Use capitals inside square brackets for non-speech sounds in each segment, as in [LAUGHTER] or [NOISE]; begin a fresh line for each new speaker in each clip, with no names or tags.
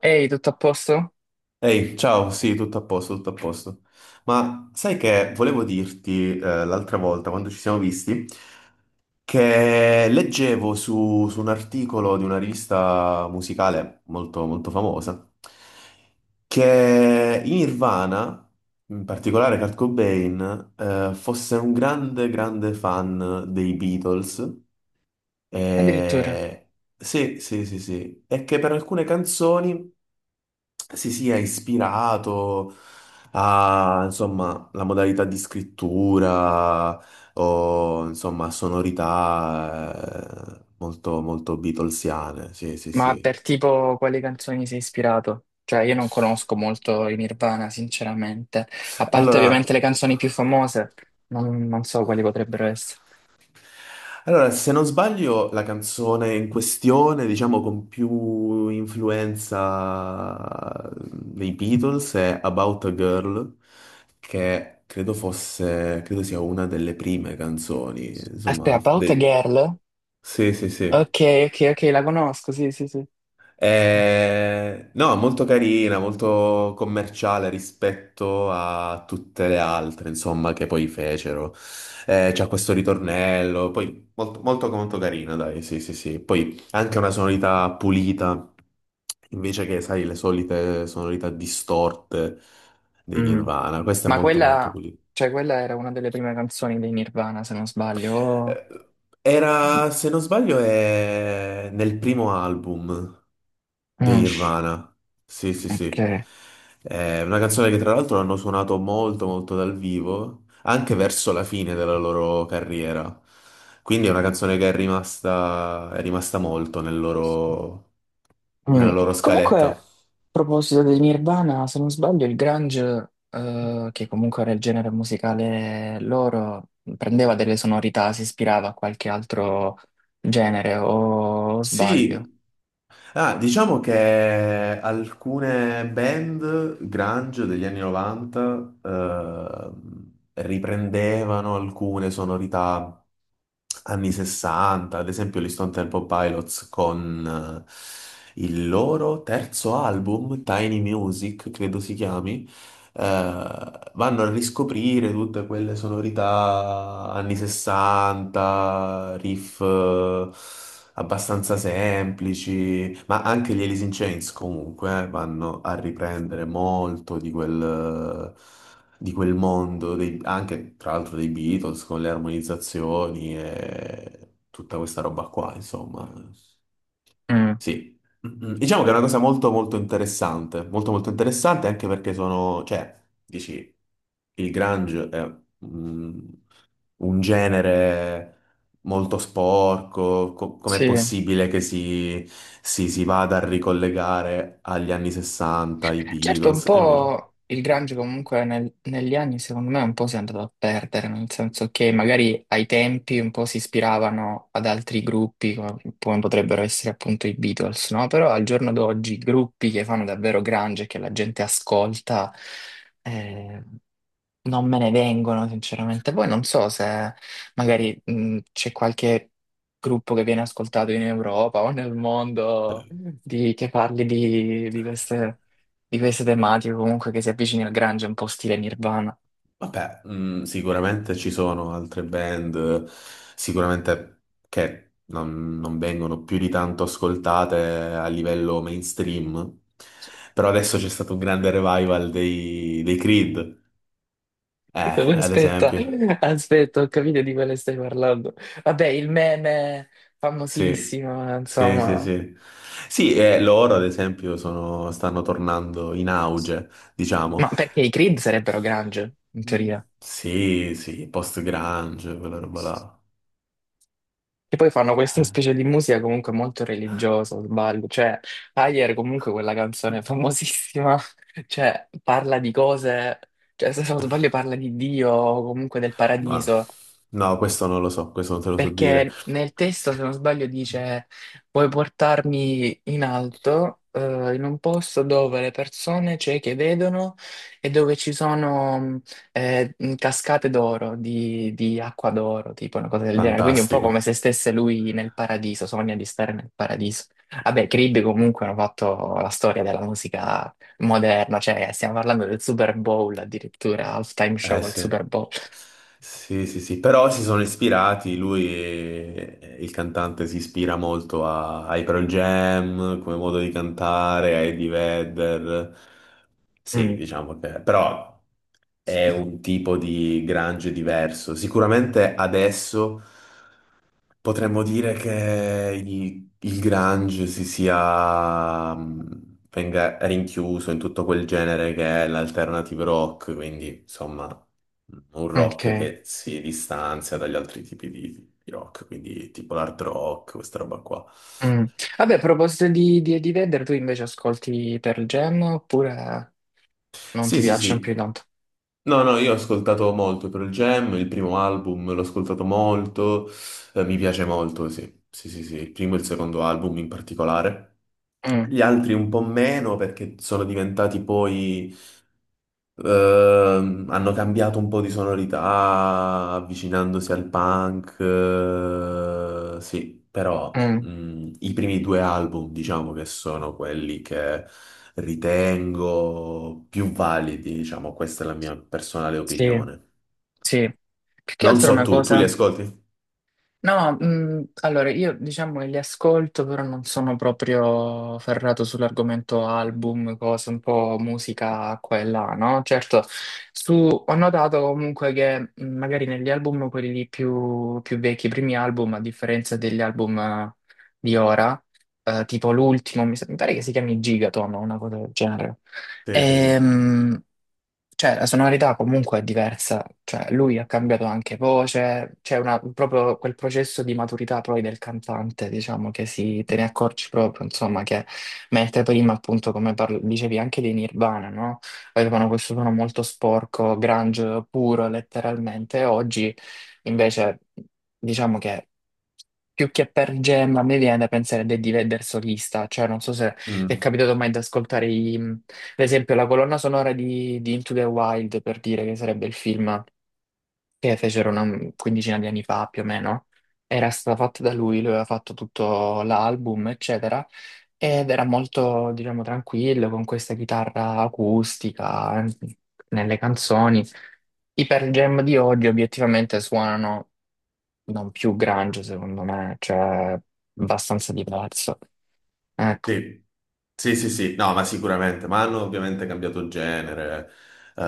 Ehi, tutto a posto?
Ehi, ciao, sì, tutto a posto, tutto a posto. Ma sai che volevo dirti l'altra volta, quando ci siamo visti, che leggevo su un articolo di una rivista musicale molto, molto famosa, che in Nirvana, in particolare Kurt Cobain, fosse un grande, grande fan dei Beatles.
Addirittura.
E... Sì, sì, sì, sì. E che per alcune canzoni si sia ispirato a, insomma, la modalità di scrittura o, insomma, sonorità molto, molto Beatlesiane. Sì, sì,
Ma
sì.
per tipo quali canzoni sei ispirato? Cioè, io non conosco molto i Nirvana, sinceramente. A parte ovviamente
Allora,
le canzoni più famose, non so quali potrebbero essere.
allora, se non sbaglio, la canzone in questione, diciamo, con più influenza dei Beatles è About a Girl, che credo fosse, credo sia una delle prime canzoni, insomma,
Aspetta, About a
de-
Girl?
Sì, sì,
Ok,
sì.
ok, ok, la conosco, sì, sì, sì. Mm.
No, molto carina, molto commerciale rispetto a tutte le altre, insomma, che poi fecero. C'ha questo ritornello, poi molto, molto, molto carina, dai, sì, sì, sì. Poi anche una sonorità pulita, invece che, sai, le solite sonorità distorte dei
Mm.
Nirvana. Questa è
Ma
molto, molto
quella,
pulita.
cioè, quella era una delle prime canzoni dei Nirvana, se non sbaglio. Oh.
Eh, Era, se non sbaglio, è nel primo album di
Mm.
Nirvana. Sì, sì, sì.
Ok.
È una canzone che tra l'altro hanno suonato molto, molto dal vivo, anche verso la fine della loro carriera. Quindi è una canzone che è rimasta molto
Mm.
nella loro
Comunque,
scaletta.
a proposito di Nirvana, se non sbaglio, il grunge, che comunque era il genere musicale loro, prendeva delle sonorità, si ispirava a qualche altro genere, o sbaglio?
Sì, ah, diciamo che alcune band grunge degli anni 90 riprendevano alcune sonorità anni 60, ad esempio gli Stone Temple Pilots con il loro terzo album, Tiny Music, credo si chiami, vanno a riscoprire tutte quelle sonorità anni 60, riff abbastanza semplici, ma anche gli Alice in Chains comunque vanno a riprendere molto di quel mondo, anche tra l'altro dei Beatles con le armonizzazioni e tutta questa roba qua, insomma.
Mm.
Sì. Mm, mm. Diciamo che è una cosa molto molto interessante anche perché sono, cioè, dici, il grunge è mm, un genere molto sporco, com'è
Sì.
possibile che si vada a ricollegare agli anni 60, ai
Certo, un
Beatles? E invece.
po' il grunge comunque negli anni secondo me un po' si è andato a perdere, nel senso che magari ai tempi un po' si ispiravano ad altri gruppi come, come potrebbero essere appunto i Beatles, no? Però al giorno d'oggi gruppi che fanno davvero grunge e che la gente ascolta eh, non me ne vengono, sinceramente. Poi non so se magari c'è qualche gruppo che viene ascoltato in Europa o nel mondo che parli di queste tematiche, comunque che si avvicini al grunge, un po' stile Nirvana.
Vabbè, sicuramente ci sono altre band, sicuramente che non vengono più di tanto ascoltate a livello mainstream, però adesso c'è stato un grande revival dei Creed, eh,
[LAUGHS]
ad
Aspetta,
esempio.
ho capito di quale stai parlando. Vabbè, il meme
Sì,
famosissimo,
sì, sì,
insomma.
sì. Sì, loro ad esempio stanno tornando in auge, diciamo.
Ma perché i Creed sarebbero grunge, in teoria?
Sì, sì, post-grunge, quella roba là.
Che poi fanno questa specie di musica comunque molto religiosa, o sbaglio. Cioè, Higher comunque quella canzone famosissima, [LAUGHS] cioè, parla di cose, cioè, se non
Eh.
sbaglio parla di Dio o comunque del
Ma
paradiso.
no, questo non lo so, questo non te lo so dire.
Perché nel testo, se non sbaglio, dice: puoi portarmi in alto, in un posto dove le persone cieche vedono e dove ci sono cascate d'oro, di acqua d'oro, tipo una cosa del genere. Quindi, un po'
Fantastico.
come se stesse lui nel paradiso, sogna di stare nel paradiso. Vabbè, Creed comunque hanno fatto la storia della musica moderna, cioè stiamo parlando del Super Bowl, addirittura, halftime show
Eh
al Super
sì.
Bowl.
Sì, sì, sì, però si sono ispirati, lui, il cantante, si ispira molto ai Pearl Jam, come modo di cantare, a Eddie Vedder. Sì,
Mm.
diciamo però è un tipo di grunge diverso. Sicuramente adesso. Potremmo dire che il grunge venga rinchiuso in tutto quel genere che è l'alternative rock, quindi insomma un rock
Ok.
che si distanzia dagli altri tipi di rock, quindi tipo l'hard rock, questa roba qua.
Mm. Vabbè, a proposito di Eddie Vedder, tu invece ascolti Pearl Jam oppure non ti
Sì, sì,
piacciono più di
sì.
tanto?
No, no, io ho ascoltato molto Pearl Jam, il primo album l'ho ascoltato molto, mi piace molto, sì. Sì, sì, sì, il primo e il secondo album in particolare.
Mm,
Gli altri un po' meno perché sono diventati poi, hanno cambiato un po' di sonorità avvicinandosi al punk, sì, però
mm,
i primi due album diciamo che sono quelli che ritengo più validi, diciamo, questa è la mia personale
sì,
opinione.
sì. Più che
Non
altro è
so
una
tu li
cosa.
ascolti?
No, allora io diciamo che li ascolto, però non sono proprio ferrato sull'argomento album, cose un po' musica qua e là, no? Certo, ho notato comunque che magari negli album, quelli lì più, più vecchi, i primi album, a differenza degli album di ora, tipo l'ultimo, mi pare che si chiami Gigaton o una cosa del genere.
Sì, sì, sì.
Ehm, cioè, la sonorità comunque è diversa, cioè lui ha cambiato anche voce, proprio quel processo di maturità poi del cantante, diciamo, che si, te ne accorgi proprio, insomma, che mentre prima appunto, come dicevi, anche dei Nirvana, no? Avevano questo suono molto sporco, grunge puro, letteralmente, oggi invece diciamo che più che per Gem a me viene da pensare a Eddie Vedder solista, cioè non so è
Mm.
capitato mai di ascoltare, ad esempio, la colonna sonora di Into the Wild, per dire che sarebbe il film che fecero una quindicina di anni fa, più o meno. Era stata fatta da lui, lui aveva fatto tutto l'album, eccetera, ed era molto, diciamo, tranquillo, con questa chitarra acustica, nelle canzoni. I Pearl Jam di oggi obiettivamente suonano non più grunge, secondo me, cioè abbastanza diverso. Ecco.
Sì, sì, sì, sì, no, ma sicuramente, ma hanno ovviamente cambiato genere, eh,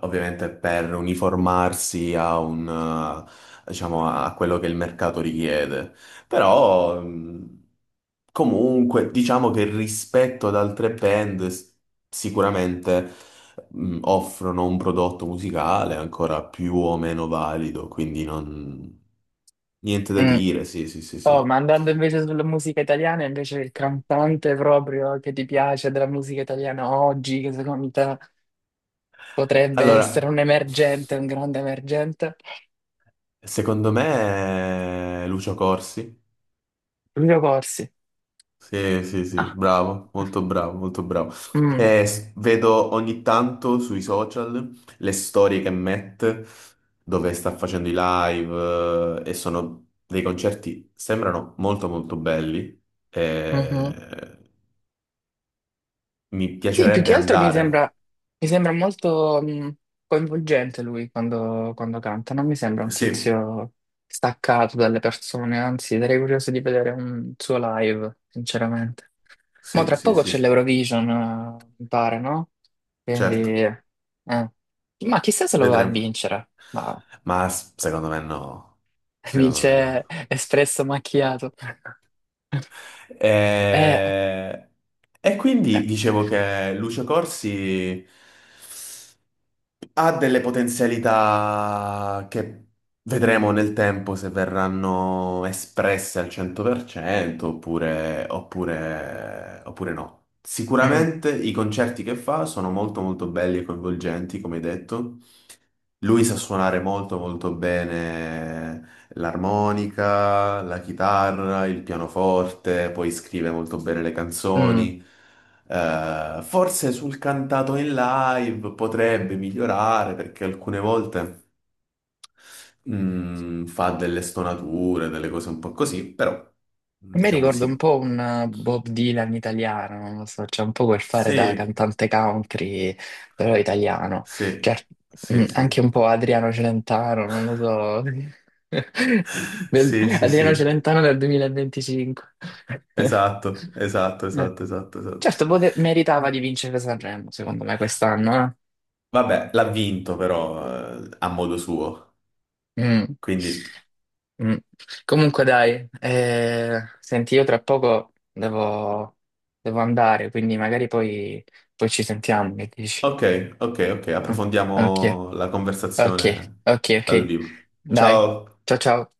ovviamente per uniformarsi a diciamo, a quello che il mercato richiede, però comunque diciamo che rispetto ad altre band sicuramente, offrono un prodotto musicale ancora più o meno valido, quindi non, niente da
Mm.
dire, sì, sì, sì,
Oh, ma
sì.
andando invece sulla musica italiana, invece il cantante proprio che ti piace della musica italiana oggi, che secondo te potrebbe essere
Allora.
un emergente, un grande emergente.
Secondo me è Lucio Corsi.
Lucio Corsi.
Sì, sì, sì,
Ah,
bravo, molto bravo, molto bravo.
mm,
Vedo ogni tanto sui social le storie che mette dove sta facendo i live, e sono dei concerti, sembrano molto molto belli.
mhm.
Eh, mi
Sì, più
piacerebbe
che altro
andare.
mi sembra molto mm, coinvolgente lui quando, quando canta, non mi sembra un
Sì,
tizio staccato dalle persone, anzi sarei curioso di vedere un suo live, sinceramente. Ma
sì,
tra
sì,
poco
sì,
c'è
sì,
l'Eurovision, mi pare, no? Quindi,
certo,
eh. Ma chissà se lo va a
vedremo.
vincere. Ma
Ma secondo me no,
[LAUGHS]
secondo me
vince
no.
Espresso Macchiato. [LAUGHS] Eh.
E, e quindi
Eh.
dicevo che Lucio Corsi ha delle potenzialità che vedremo nel tempo se verranno espresse al 100% oppure no.
Mm.
Sicuramente i concerti che fa sono molto molto belli e coinvolgenti, come hai detto. Lui sa suonare molto molto bene l'armonica, la chitarra, il pianoforte, poi scrive molto bene le
Mm.
canzoni. Forse sul cantato in live potrebbe migliorare perché alcune volte fa delle stonature, delle cose un po' così, però
A me
diciamo
ricorda un
sì.
po' un Bob Dylan italiano, non lo so, c'è un po' quel fare da
Sì,
cantante country, però italiano. Cioè,
sì,
mm,
sì,
anche
sì.
un po' Adriano Celentano, non lo so. [LAUGHS]
[LAUGHS] Sì, sì,
Adriano
sì.
Celentano del 2025.
Esatto,
[LAUGHS]
esatto, esatto, esatto, esatto.
Certo, meritava di vincere Sanremo, secondo me, quest'anno,
Vabbè, l'ha vinto però a modo suo.
eh. Mm.
Quindi,
Mm. Comunque dai, senti, io tra poco devo, devo andare, quindi magari poi, poi ci sentiamo, che dici?
ok, ok, ok,
Ah, ok,
approfondiamo la
ok,
conversazione
ok, ok.
dal vivo.
Dai,
Ciao.
ciao ciao.